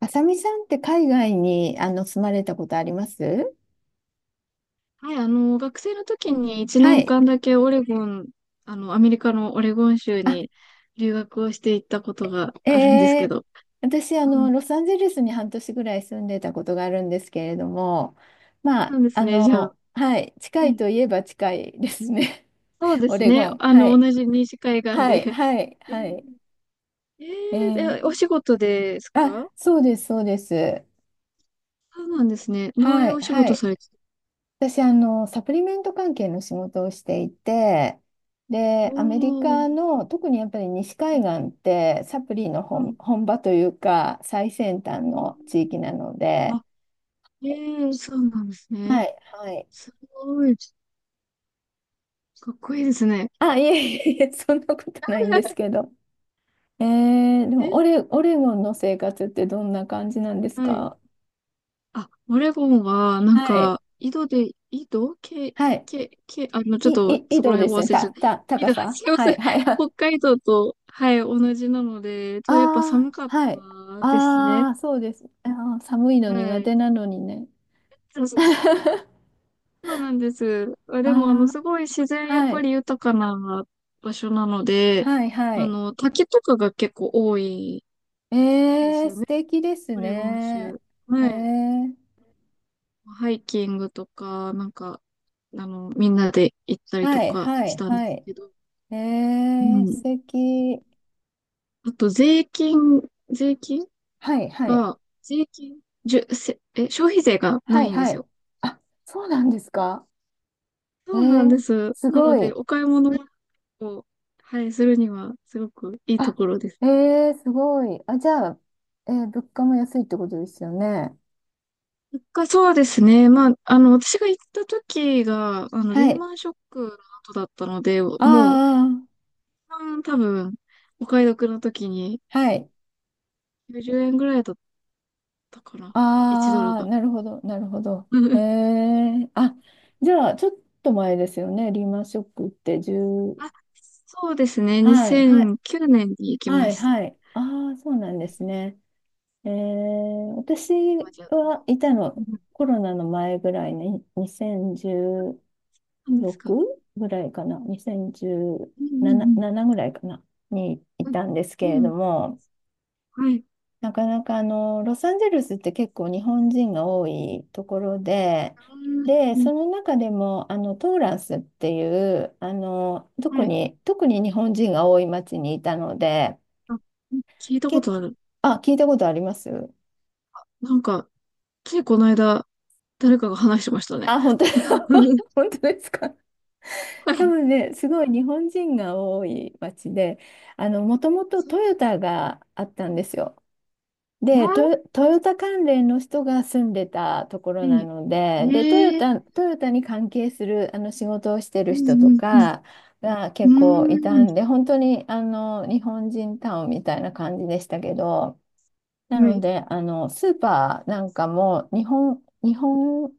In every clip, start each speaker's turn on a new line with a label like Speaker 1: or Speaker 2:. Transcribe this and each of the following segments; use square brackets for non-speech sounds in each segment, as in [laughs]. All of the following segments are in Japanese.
Speaker 1: あさみさんって海外に住まれたことあります？
Speaker 2: はい、学生の時に1
Speaker 1: は
Speaker 2: 年
Speaker 1: い。
Speaker 2: 間だけオレゴン、アメリカのオレゴン州
Speaker 1: あ、
Speaker 2: に留学をしていったことがあるんですけ
Speaker 1: えー、
Speaker 2: ど。
Speaker 1: 私
Speaker 2: うん。
Speaker 1: ロサンゼルスに半年ぐらい住んでたことがあるんですけれども、まあ、
Speaker 2: そうですね、じゃあ。
Speaker 1: はい、
Speaker 2: う
Speaker 1: 近い
Speaker 2: ん。
Speaker 1: といえば近いですね。
Speaker 2: そう
Speaker 1: [laughs]
Speaker 2: で
Speaker 1: オ
Speaker 2: す
Speaker 1: レゴ
Speaker 2: ね、
Speaker 1: ン。はい。
Speaker 2: 同じ西海岸
Speaker 1: は
Speaker 2: で。
Speaker 1: い、はい、
Speaker 2: う
Speaker 1: は
Speaker 2: ん。
Speaker 1: い。
Speaker 2: え
Speaker 1: え
Speaker 2: ー、で、お
Speaker 1: ー、
Speaker 2: 仕事です
Speaker 1: あ、
Speaker 2: か？
Speaker 1: そうです、そうです。
Speaker 2: そうなんですね。どうい
Speaker 1: は
Speaker 2: う
Speaker 1: い、
Speaker 2: お仕
Speaker 1: は
Speaker 2: 事
Speaker 1: い。
Speaker 2: されて？
Speaker 1: 私、サプリメント関係の仕事をしていて、で、アメリ
Speaker 2: お
Speaker 1: カ
Speaker 2: ー。
Speaker 1: の、特にやっぱり西海
Speaker 2: う
Speaker 1: 岸って、サプリの本、
Speaker 2: ん。
Speaker 1: 本場というか、最先端
Speaker 2: うん、
Speaker 1: の地域なので、
Speaker 2: あ、そうなんです
Speaker 1: は
Speaker 2: ね。
Speaker 1: い、はい。
Speaker 2: すごい。かっこいいですね。
Speaker 1: あ、いえいえいえ、[laughs] そんなことないんです
Speaker 2: [laughs]
Speaker 1: けど。えでも
Speaker 2: え、
Speaker 1: オレゴンの生活ってどんな感じなんです
Speaker 2: はい。
Speaker 1: か？
Speaker 2: あ、オレゴンは、なん
Speaker 1: はい、
Speaker 2: か、井戸で、井戸け、
Speaker 1: はい。
Speaker 2: け、け、ちょっと、
Speaker 1: 緯
Speaker 2: そこ
Speaker 1: 度
Speaker 2: ら
Speaker 1: で
Speaker 2: 辺お
Speaker 1: すね。
Speaker 2: 忘れちゃった。井
Speaker 1: 高
Speaker 2: 戸、
Speaker 1: さ。
Speaker 2: すいま
Speaker 1: は
Speaker 2: せん。
Speaker 1: い、
Speaker 2: [laughs]
Speaker 1: はい、はい。
Speaker 2: 北海道と、はい、同じなので、ちょっとやっぱ
Speaker 1: ああ、
Speaker 2: 寒かっ
Speaker 1: はい。
Speaker 2: たですね。
Speaker 1: ああ、そうです。あー、寒いの
Speaker 2: は
Speaker 1: 苦手
Speaker 2: い。
Speaker 1: なのにね。
Speaker 2: そうそう、そ
Speaker 1: [laughs]
Speaker 2: うなんです。
Speaker 1: あ
Speaker 2: でも、すごい自然、
Speaker 1: あ、
Speaker 2: やっ
Speaker 1: は
Speaker 2: ぱ
Speaker 1: い。
Speaker 2: り豊かな場所なので、
Speaker 1: はい、はい。
Speaker 2: 滝とかが結構多いで
Speaker 1: え
Speaker 2: す
Speaker 1: ー、
Speaker 2: よ
Speaker 1: 素
Speaker 2: ね。
Speaker 1: 敵です
Speaker 2: オレゴン
Speaker 1: ね。
Speaker 2: 州。
Speaker 1: え
Speaker 2: はい。
Speaker 1: ー、
Speaker 2: ハイキングとか、なんか、みんなで行ったりと
Speaker 1: はい、
Speaker 2: か
Speaker 1: は
Speaker 2: し
Speaker 1: い、
Speaker 2: たんで
Speaker 1: は
Speaker 2: す
Speaker 1: い。
Speaker 2: けど、う
Speaker 1: えー、素
Speaker 2: ん。
Speaker 1: 敵。
Speaker 2: あと、税金、税金
Speaker 1: はい、はい。
Speaker 2: が、税金、じゅ、せ、え、消費税が
Speaker 1: は
Speaker 2: な
Speaker 1: い、
Speaker 2: いんで
Speaker 1: は
Speaker 2: す
Speaker 1: い。
Speaker 2: よ。
Speaker 1: あ、そうなんですか。え
Speaker 2: そうなん
Speaker 1: ー、
Speaker 2: です。
Speaker 1: す
Speaker 2: なの
Speaker 1: ご
Speaker 2: で、
Speaker 1: い。
Speaker 2: お買い物を、はい、するには、すごくいいと
Speaker 1: あ、
Speaker 2: ころです。
Speaker 1: えー、すごい。あ、じゃあ、物価も安いってことですよね。
Speaker 2: そうですね。まあ、私が行った時が、
Speaker 1: は
Speaker 2: リー
Speaker 1: い。
Speaker 2: マンショックの後だったので、もう、一
Speaker 1: あ
Speaker 2: 番多分、お買い得の時に
Speaker 1: あ、はい。
Speaker 2: 90円ぐらいだっただから、1ドル
Speaker 1: ああ、
Speaker 2: が。
Speaker 1: なるほど、なるほど。え
Speaker 2: [laughs]
Speaker 1: え、あ、じゃあ、ちょっと前ですよね。リーマンショックって10、
Speaker 2: あ、そうですね。2
Speaker 1: はい、はい、
Speaker 2: 0 0年に行き
Speaker 1: は
Speaker 2: ま
Speaker 1: い、
Speaker 2: した。
Speaker 1: はい。ああ、そうなんですね。ええ、私
Speaker 2: 今じゃ
Speaker 1: は
Speaker 2: も
Speaker 1: いた
Speaker 2: う。う
Speaker 1: の、
Speaker 2: ん、
Speaker 1: コロナの前ぐらいねに、2016
Speaker 2: 何ですか？
Speaker 1: ぐらいかな、
Speaker 2: うんう
Speaker 1: 2017、
Speaker 2: ん
Speaker 1: 7ぐらいかな、にい
Speaker 2: うん。
Speaker 1: たんです
Speaker 2: う
Speaker 1: け
Speaker 2: ん。
Speaker 1: れ
Speaker 2: う
Speaker 1: ど
Speaker 2: ん、
Speaker 1: も、
Speaker 2: はい。
Speaker 1: なかなかロサンゼルスって結構日本人が多いところで、で、
Speaker 2: うん。
Speaker 1: その中でもトーランスっていう特
Speaker 2: はい。
Speaker 1: に、特に日本人が多い町にいたので、
Speaker 2: あ、聞いたこ
Speaker 1: け、
Speaker 2: とある。
Speaker 1: あ、聞いたことあります？
Speaker 2: なんか、ついこの間、誰かが話してましたね。
Speaker 1: あ、本当？
Speaker 2: うんうん、
Speaker 1: [laughs]、本当ですか。
Speaker 2: は
Speaker 1: 多
Speaker 2: い、
Speaker 1: 分ね、すごい日本人が多い町で、もともと
Speaker 2: そ
Speaker 1: トヨタがあったんですよ。で、ト
Speaker 2: な
Speaker 1: ヨ、トヨタ関連の人が住んでたところな
Speaker 2: う、
Speaker 1: ので、で、トヨ
Speaker 2: ええ、
Speaker 1: タ、トヨタに関係する仕事をしてる
Speaker 2: う
Speaker 1: 人と
Speaker 2: んうん
Speaker 1: かが
Speaker 2: う
Speaker 1: 結構い
Speaker 2: ん。う
Speaker 1: た
Speaker 2: ー
Speaker 1: んで、本当に日本人タウンみたいな感じでしたけど、な
Speaker 2: ん。は
Speaker 1: の
Speaker 2: い。
Speaker 1: で、スーパーなんかも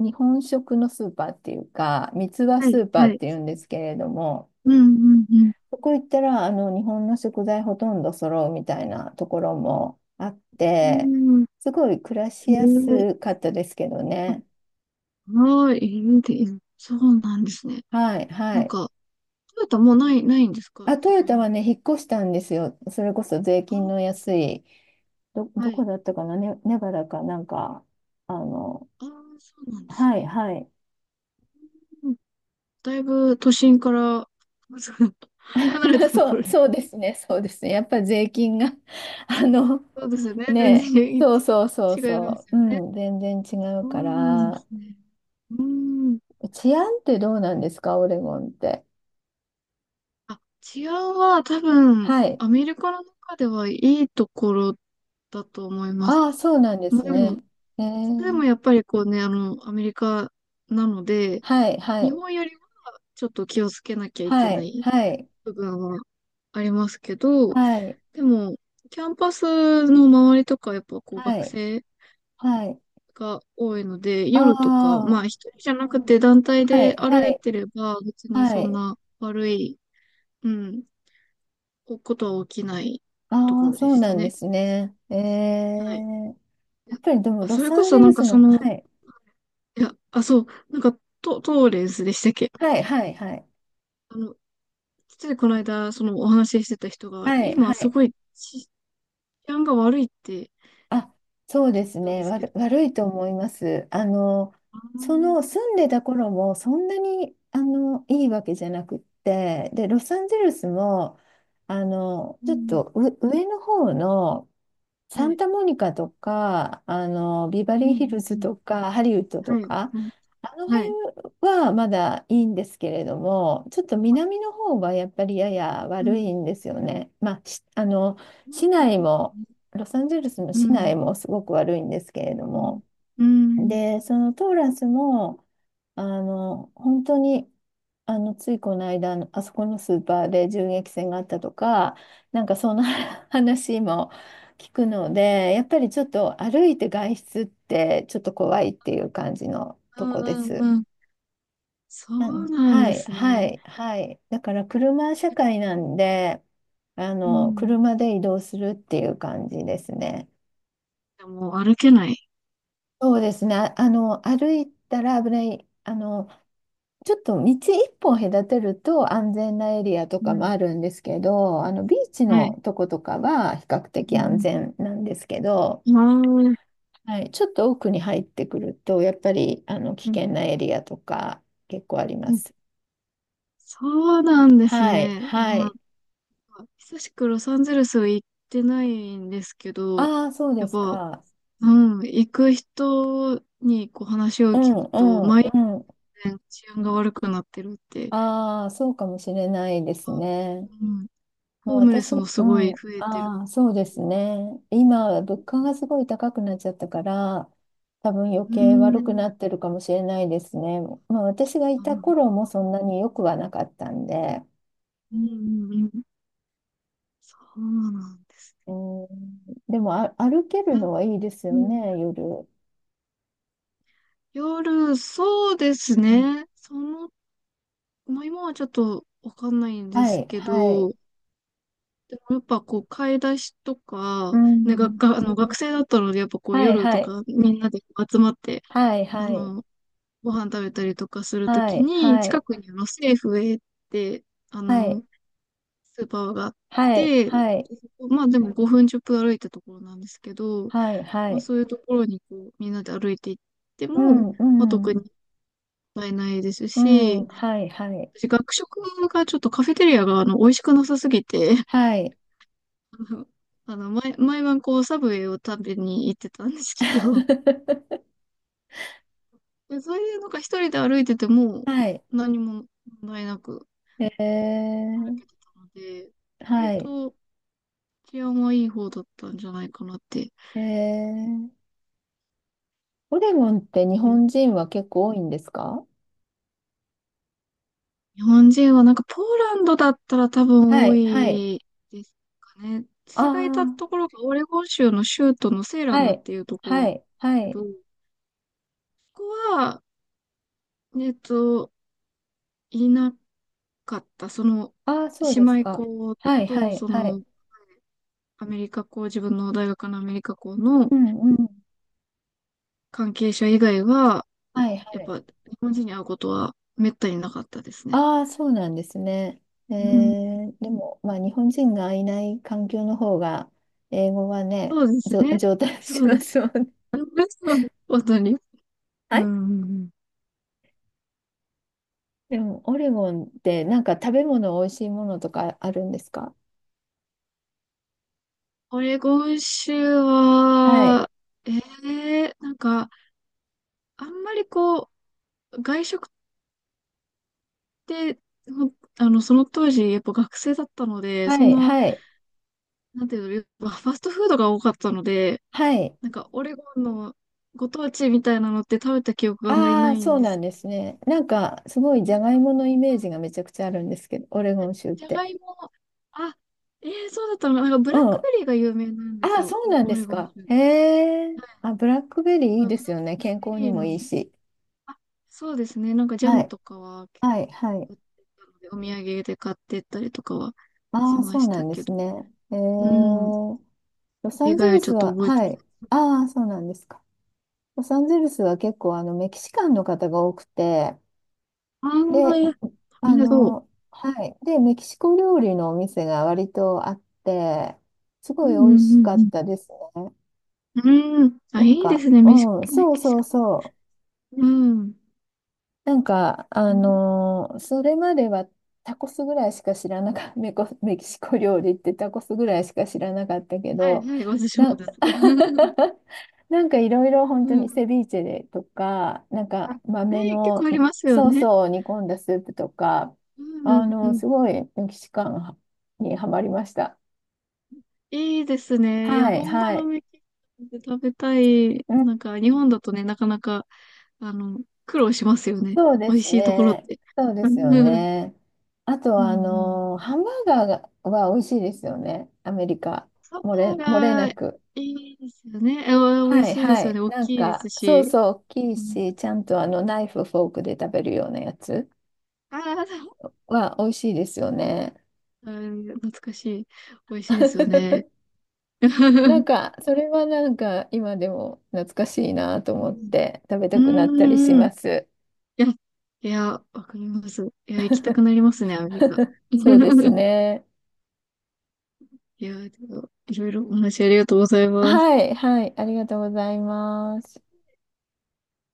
Speaker 1: 日本食のスーパーっていうか、三つ葉
Speaker 2: は
Speaker 1: ス
Speaker 2: い。
Speaker 1: ーパー
Speaker 2: は
Speaker 1: っ
Speaker 2: い。
Speaker 1: ていうんですけれども、
Speaker 2: うんうん
Speaker 1: そこ行ったら、日本の食材ほとんど揃うみたいなところもあっ
Speaker 2: う
Speaker 1: て、
Speaker 2: ん。うん。
Speaker 1: すごい暮らし
Speaker 2: へ
Speaker 1: や
Speaker 2: え。
Speaker 1: すかったですけどね。
Speaker 2: はーい、インディーン。そうなんですね。
Speaker 1: はい、は
Speaker 2: なん
Speaker 1: い。
Speaker 2: か、トヨタもうないんですか、
Speaker 1: あ、ト
Speaker 2: そ
Speaker 1: ヨ
Speaker 2: こ
Speaker 1: タは
Speaker 2: に
Speaker 1: ね、引っ越したんですよ。それこそ税金の
Speaker 2: も？
Speaker 1: 安い、
Speaker 2: あ、
Speaker 1: ど
Speaker 2: は
Speaker 1: こ
Speaker 2: い。
Speaker 1: だったかな、ね、ネバダかなんか、あの、
Speaker 2: ああ、そうなんです
Speaker 1: はい、
Speaker 2: ね。
Speaker 1: はい。
Speaker 2: うん、だいぶ都心から、[laughs] そう離れた
Speaker 1: [laughs]
Speaker 2: と
Speaker 1: そ
Speaker 2: こ
Speaker 1: う、
Speaker 2: ろに。
Speaker 1: そうですね、そうですね。やっぱり税金が [laughs] あの、
Speaker 2: そうですよね。全
Speaker 1: ね、
Speaker 2: 然違い
Speaker 1: そうそうそう
Speaker 2: ま
Speaker 1: そ
Speaker 2: す
Speaker 1: う、
Speaker 2: よ
Speaker 1: う
Speaker 2: ね。
Speaker 1: ん、全然違う
Speaker 2: そ
Speaker 1: か
Speaker 2: うなんで
Speaker 1: ら、
Speaker 2: すね。うーん。
Speaker 1: 治安ってどうなんですか、オレゴンって？
Speaker 2: あ、治安は多分、
Speaker 1: はい。
Speaker 2: アメリカの中ではいいところだと思います。
Speaker 1: ああ、そうなんで
Speaker 2: まあ、
Speaker 1: す
Speaker 2: でも、
Speaker 1: ね。え
Speaker 2: それでも
Speaker 1: ー、
Speaker 2: やっぱりこうね、アメリカなので、
Speaker 1: はい、は
Speaker 2: 日
Speaker 1: い、
Speaker 2: 本よりちょっと気をつけなきゃいけ
Speaker 1: は
Speaker 2: な
Speaker 1: い、
Speaker 2: い
Speaker 1: はい、
Speaker 2: 部分はありますけど、
Speaker 1: はい、
Speaker 2: でも、キャンパスの周りとか、やっぱこう
Speaker 1: は
Speaker 2: 学
Speaker 1: い、
Speaker 2: 生
Speaker 1: はい。
Speaker 2: が多いので、
Speaker 1: あ
Speaker 2: 夜とか、まあ
Speaker 1: あ、
Speaker 2: 一人じゃなくて団体
Speaker 1: は
Speaker 2: で
Speaker 1: い、は
Speaker 2: 歩い
Speaker 1: い、
Speaker 2: てれば、別に
Speaker 1: は
Speaker 2: そん
Speaker 1: い。
Speaker 2: な悪い、うん、ことは起きないと
Speaker 1: あ
Speaker 2: こ
Speaker 1: あ、
Speaker 2: ろで
Speaker 1: そう
Speaker 2: し
Speaker 1: な
Speaker 2: た
Speaker 1: んで
Speaker 2: ね。
Speaker 1: すね。え
Speaker 2: はい。
Speaker 1: ー、
Speaker 2: い
Speaker 1: や
Speaker 2: や
Speaker 1: っぱりでも、
Speaker 2: あ、
Speaker 1: ロ
Speaker 2: それ
Speaker 1: サ
Speaker 2: こ
Speaker 1: ン
Speaker 2: そ
Speaker 1: ゼ
Speaker 2: な
Speaker 1: ル
Speaker 2: んか
Speaker 1: スの、はい、
Speaker 2: そう、なんかトーレンスでしたっけ？
Speaker 1: はい、はい、はい、
Speaker 2: あの、ついこの間、そのお話ししてた人が、
Speaker 1: はい、は
Speaker 2: 今す
Speaker 1: い。
Speaker 2: ごい治安が悪いって
Speaker 1: あ、そうです
Speaker 2: たんで
Speaker 1: ね。
Speaker 2: すけど。
Speaker 1: 悪いと思います。
Speaker 2: ああ、
Speaker 1: その住んでた頃もそんなにいいわけじゃなくって、で、ロサンゼルスも
Speaker 2: う
Speaker 1: ちょっ
Speaker 2: ん、
Speaker 1: と上の方の、サ
Speaker 2: は
Speaker 1: ン
Speaker 2: い。
Speaker 1: タモニカとか、ビバ
Speaker 2: う
Speaker 1: リーヒル
Speaker 2: ん、
Speaker 1: ズと
Speaker 2: う
Speaker 1: か、ハリウッドと
Speaker 2: ん、うん、はい。
Speaker 1: か、
Speaker 2: うん、
Speaker 1: あの
Speaker 2: はい。
Speaker 1: 辺はまだいいんですけれども、ちょっと
Speaker 2: あ、
Speaker 1: 南の方はやっぱりやや
Speaker 2: う
Speaker 1: 悪
Speaker 2: ん、
Speaker 1: いんですよね。まあ、しあの、
Speaker 2: う
Speaker 1: 市
Speaker 2: ん、
Speaker 1: 内も、ロサンゼルスの
Speaker 2: う
Speaker 1: 市
Speaker 2: ん、
Speaker 1: 内もすごく悪いんですけれど
Speaker 2: うん、うん、うん、
Speaker 1: も、で、そのトーラスも、本当に、ついこの間、あそこのスーパーで銃撃戦があったとか、なんかそんな [laughs] 話も聞くので、やっぱりちょっと歩いて外出ってちょっと怖いっていう感じの
Speaker 2: う
Speaker 1: とこで
Speaker 2: ん、
Speaker 1: す。
Speaker 2: うん。そ
Speaker 1: う
Speaker 2: う
Speaker 1: ん、
Speaker 2: なん
Speaker 1: は
Speaker 2: で
Speaker 1: い、
Speaker 2: す
Speaker 1: は
Speaker 2: ね。
Speaker 1: い、はい。だから車社会なんで、
Speaker 2: うん、
Speaker 1: 車で移動するっていう感じですね。
Speaker 2: でもう歩けない。
Speaker 1: そうですね。歩いたら危ない。ちょっと道一本隔てると安全なエリアと
Speaker 2: う
Speaker 1: かも
Speaker 2: ん、
Speaker 1: あるんですけど、ビーチ
Speaker 2: はい。
Speaker 1: のとことかは比較
Speaker 2: う
Speaker 1: 的安
Speaker 2: ん、
Speaker 1: 全なんですけど、
Speaker 2: ああ、うん、
Speaker 1: はい、ちょっと奥に入ってくると、やっぱり、危険
Speaker 2: う
Speaker 1: なエリアとか結構ありま
Speaker 2: ん。
Speaker 1: す。
Speaker 2: そうなんです
Speaker 1: はい、
Speaker 2: ね。いや
Speaker 1: は
Speaker 2: ー、
Speaker 1: い。
Speaker 2: 久しくロサンゼルスは行ってないんですけど、
Speaker 1: ああ、そうで
Speaker 2: やっ
Speaker 1: す
Speaker 2: ぱ、
Speaker 1: か。
Speaker 2: うん、行く人にこう話を
Speaker 1: うん、
Speaker 2: 聞く
Speaker 1: う
Speaker 2: と、
Speaker 1: ん、うん。
Speaker 2: 全然治安が悪くなってるって。
Speaker 1: ああ、そうかもしれないですね。
Speaker 2: うん。
Speaker 1: もう
Speaker 2: ホームレ
Speaker 1: 私、
Speaker 2: ス
Speaker 1: う
Speaker 2: もすごい
Speaker 1: ん、
Speaker 2: 増えてる
Speaker 1: ああ、そうで
Speaker 2: って
Speaker 1: す
Speaker 2: いう。
Speaker 1: ね。今、物価がすごい高くなっちゃったから、多分余
Speaker 2: うー
Speaker 1: 計悪くな
Speaker 2: ん。
Speaker 1: ってるかもしれないですね。まあ、私がい
Speaker 2: あ
Speaker 1: た
Speaker 2: の、
Speaker 1: 頃もそんなに良くはなかったんで、
Speaker 2: うんうんうん。そうなんです
Speaker 1: うん、でも、あ、歩ける
Speaker 2: ね。
Speaker 1: のはいいです
Speaker 2: う
Speaker 1: よ
Speaker 2: ん。
Speaker 1: ね、夜。
Speaker 2: 夜、そうです
Speaker 1: うん、
Speaker 2: ね。まあ、今はちょっとわかんないんで
Speaker 1: は
Speaker 2: す
Speaker 1: い、
Speaker 2: け
Speaker 1: はい。
Speaker 2: ど、でもやっぱこう、買い出しと
Speaker 1: う
Speaker 2: か、ね、
Speaker 1: ん。
Speaker 2: 学生だったので、やっぱこう、
Speaker 1: はい、
Speaker 2: 夜
Speaker 1: は
Speaker 2: と
Speaker 1: い。
Speaker 2: かみんなで集まって、
Speaker 1: はい、
Speaker 2: あ
Speaker 1: はい。
Speaker 2: の、ご飯食べたりとかすると
Speaker 1: は
Speaker 2: き
Speaker 1: い、
Speaker 2: に、
Speaker 1: は
Speaker 2: 近
Speaker 1: い。
Speaker 2: くにセーフウェイって、あ
Speaker 1: はい、
Speaker 2: の、スーパーがあっ
Speaker 1: はい、
Speaker 2: て、
Speaker 1: はい。
Speaker 2: まあでも5分10分歩いたところなんですけど、
Speaker 1: はい、は
Speaker 2: まあ
Speaker 1: い。
Speaker 2: そういうところにこうみんなで歩いていって
Speaker 1: う
Speaker 2: も、
Speaker 1: ん、う
Speaker 2: まあ特に
Speaker 1: ん。
Speaker 2: 問題ないです
Speaker 1: うん、
Speaker 2: し、
Speaker 1: はい、はい。
Speaker 2: 私学食がちょっとカフェテリアが美味しくなさすぎて、
Speaker 1: はい。
Speaker 2: [laughs] あの、毎晩こうサブウェイを食べに行ってたんですけど、
Speaker 1: [laughs]
Speaker 2: でそういうのが一人で歩いてても
Speaker 1: はい。
Speaker 2: 何も問題なく
Speaker 1: え
Speaker 2: 歩
Speaker 1: ー、
Speaker 2: けてたので、割
Speaker 1: はい。
Speaker 2: と治安はいい方だったんじゃないかなって。
Speaker 1: えー、オレゴンって日本人は結構多いんですか？
Speaker 2: 日本人はなんかポーランドだったら多分
Speaker 1: は
Speaker 2: 多
Speaker 1: い、はい。
Speaker 2: いですかね。
Speaker 1: あ
Speaker 2: 私がいた
Speaker 1: あ、
Speaker 2: ところがオレゴン州の州都のセーラ
Speaker 1: は
Speaker 2: ムっ
Speaker 1: い、
Speaker 2: ていうところなん
Speaker 1: は
Speaker 2: で
Speaker 1: い、
Speaker 2: す
Speaker 1: は
Speaker 2: けど、
Speaker 1: い。
Speaker 2: ここは、えっと、いなかった。
Speaker 1: ああ、そう
Speaker 2: 姉
Speaker 1: です
Speaker 2: 妹
Speaker 1: か。
Speaker 2: 校
Speaker 1: はい、は
Speaker 2: と、
Speaker 1: い、はい。
Speaker 2: アメリカ校、自分の大学のアメリカ校の
Speaker 1: うん、うん。
Speaker 2: 関係者以外は、
Speaker 1: はい、は
Speaker 2: やっ
Speaker 1: い。
Speaker 2: ぱ日本人に会うことはめったになかったですね。
Speaker 1: ああ、そうなんですね。え
Speaker 2: うん。
Speaker 1: ー、でも、まあ、日本人がいない環境の方が、英語はね、
Speaker 2: そうですね。
Speaker 1: 上達
Speaker 2: そ
Speaker 1: し
Speaker 2: うで
Speaker 1: ま
Speaker 2: す。
Speaker 1: すもんね。
Speaker 2: [laughs] 本当に。
Speaker 1: は
Speaker 2: うんう
Speaker 1: い。
Speaker 2: んうん。
Speaker 1: でも、オレゴンってなんか食べ物美味しいものとかあるんですか？
Speaker 2: オレゴン州
Speaker 1: はい。
Speaker 2: は、えなんか、あんまりこう、外食って、ほんあの、その当時、やっぱ学生だったので、
Speaker 1: は
Speaker 2: そん
Speaker 1: い、
Speaker 2: な、
Speaker 1: はい、
Speaker 2: なんていうの、やっぱファストフードが多かったので、
Speaker 1: はい。
Speaker 2: なんか、オレゴンのご当地みたいなのって食べた記憶があんまりな
Speaker 1: ああ、
Speaker 2: いん
Speaker 1: そう
Speaker 2: で
Speaker 1: な
Speaker 2: す
Speaker 1: ん
Speaker 2: け
Speaker 1: です
Speaker 2: ど、
Speaker 1: ね。なんか、すごい
Speaker 2: で
Speaker 1: ジ
Speaker 2: もな
Speaker 1: ャ
Speaker 2: ん
Speaker 1: ガイ
Speaker 2: か、
Speaker 1: モのイメージがめちゃくちゃあるんですけど、オレゴ
Speaker 2: あ
Speaker 1: ン州っ
Speaker 2: じゃが
Speaker 1: て。
Speaker 2: いも、あ、そうだったのかな、なんか、ブ
Speaker 1: う
Speaker 2: ラッ
Speaker 1: ん。
Speaker 2: ク
Speaker 1: あ
Speaker 2: ベリーが有名なんです
Speaker 1: あ、
Speaker 2: よ、
Speaker 1: そうなん
Speaker 2: オ
Speaker 1: で
Speaker 2: レ
Speaker 1: す
Speaker 2: ゴン
Speaker 1: か。
Speaker 2: 州。はい、
Speaker 1: へえ。あ、ブラックベリーい
Speaker 2: ブ
Speaker 1: い
Speaker 2: ラッ
Speaker 1: ですよね。
Speaker 2: ク
Speaker 1: 健
Speaker 2: ベ
Speaker 1: 康に
Speaker 2: リー
Speaker 1: も
Speaker 2: の、
Speaker 1: いいし。
Speaker 2: あそうですね。なんかジャ
Speaker 1: は
Speaker 2: ム
Speaker 1: い、
Speaker 2: とかは結
Speaker 1: はい、はい。
Speaker 2: 構売ってたので、お土産で買ってったりとかは
Speaker 1: あ
Speaker 2: し
Speaker 1: あ、そ
Speaker 2: ま
Speaker 1: う
Speaker 2: し
Speaker 1: な
Speaker 2: た
Speaker 1: んで
Speaker 2: け
Speaker 1: す
Speaker 2: ど。
Speaker 1: ね。へえ。
Speaker 2: うん。そ
Speaker 1: ロサ
Speaker 2: れ
Speaker 1: ン
Speaker 2: 以
Speaker 1: ゼ
Speaker 2: 外
Speaker 1: ル
Speaker 2: はち
Speaker 1: ス
Speaker 2: ょっと
Speaker 1: は、
Speaker 2: 覚えて
Speaker 1: は
Speaker 2: ない。
Speaker 1: い。ああ、そうなんですか。ロサンゼルスは結構メキシカンの方が多くて、
Speaker 2: ああ、
Speaker 1: で、
Speaker 2: いや、みんなどう。
Speaker 1: はい。で、メキシコ料理のお店が割とあって、す
Speaker 2: う
Speaker 1: ごい美味し
Speaker 2: ん
Speaker 1: か
Speaker 2: う
Speaker 1: っ
Speaker 2: ん
Speaker 1: たですね。
Speaker 2: うんうん。うん。あ、
Speaker 1: な
Speaker 2: い
Speaker 1: ん
Speaker 2: いで
Speaker 1: か、
Speaker 2: すね。
Speaker 1: うん、
Speaker 2: メ
Speaker 1: そう
Speaker 2: キシ
Speaker 1: そ
Speaker 2: カ
Speaker 1: うそう。
Speaker 2: ン。うん。
Speaker 1: なんか、
Speaker 2: うん、
Speaker 1: それまではタコスぐらいしか知らなかった、[laughs] メキシコ料理ってタコスぐらいしか知らなかったけ
Speaker 2: はい
Speaker 1: ど、
Speaker 2: はい。私も
Speaker 1: な、
Speaker 2: です。[laughs]
Speaker 1: [laughs] なんかいろいろ本当
Speaker 2: う
Speaker 1: に
Speaker 2: ん。
Speaker 1: セビーチェでとか、なん
Speaker 2: あ、ね、
Speaker 1: か豆
Speaker 2: 結構
Speaker 1: の
Speaker 2: ありますよ
Speaker 1: ソース
Speaker 2: ね。
Speaker 1: を煮込んだスープとか、
Speaker 2: うんうんうん。
Speaker 1: すごいメキシカンにはまりました。
Speaker 2: いいですね。いや、
Speaker 1: はい、
Speaker 2: 本場
Speaker 1: は
Speaker 2: の
Speaker 1: い。
Speaker 2: メキシコで食べたい。
Speaker 1: うん、
Speaker 2: なんか、日本だとね、なかなか、あの、苦労しますよね。
Speaker 1: そうで
Speaker 2: 美味
Speaker 1: す
Speaker 2: しいところっ
Speaker 1: ね。
Speaker 2: て。
Speaker 1: そう
Speaker 2: [laughs]
Speaker 1: で
Speaker 2: う
Speaker 1: す
Speaker 2: ん
Speaker 1: よ
Speaker 2: うん。
Speaker 1: ね。あとは、ハンバーガーがは美味しいですよね。アメリカ。
Speaker 2: サバ
Speaker 1: 漏れ
Speaker 2: が
Speaker 1: な
Speaker 2: い
Speaker 1: く。
Speaker 2: いですよね。美味
Speaker 1: はい、
Speaker 2: しいで
Speaker 1: は
Speaker 2: すよ
Speaker 1: い。
Speaker 2: ね。大
Speaker 1: なん
Speaker 2: きいで
Speaker 1: か、
Speaker 2: す
Speaker 1: そう
Speaker 2: し。
Speaker 1: そう、大きい
Speaker 2: うん、
Speaker 1: し、ちゃんとナイフ、フォークで食べるようなやつ
Speaker 2: ああ、
Speaker 1: は美味しいですよね。
Speaker 2: うん、懐かしい。美味しいですよね。
Speaker 1: [laughs] なん
Speaker 2: [laughs]
Speaker 1: か、それはなんか、今でも懐かしいなと
Speaker 2: う
Speaker 1: 思っ
Speaker 2: ん
Speaker 1: て、食べ
Speaker 2: う
Speaker 1: たくなったりし
Speaker 2: んうん。い
Speaker 1: ます。
Speaker 2: や、いや、わかります。いや、行きたくなりますね、アメリカ。
Speaker 1: [laughs] そうです
Speaker 2: [laughs]
Speaker 1: ね。
Speaker 2: いやー、でもいろいろお話ありがとうございます。
Speaker 1: はい、はい。ありがとうございます。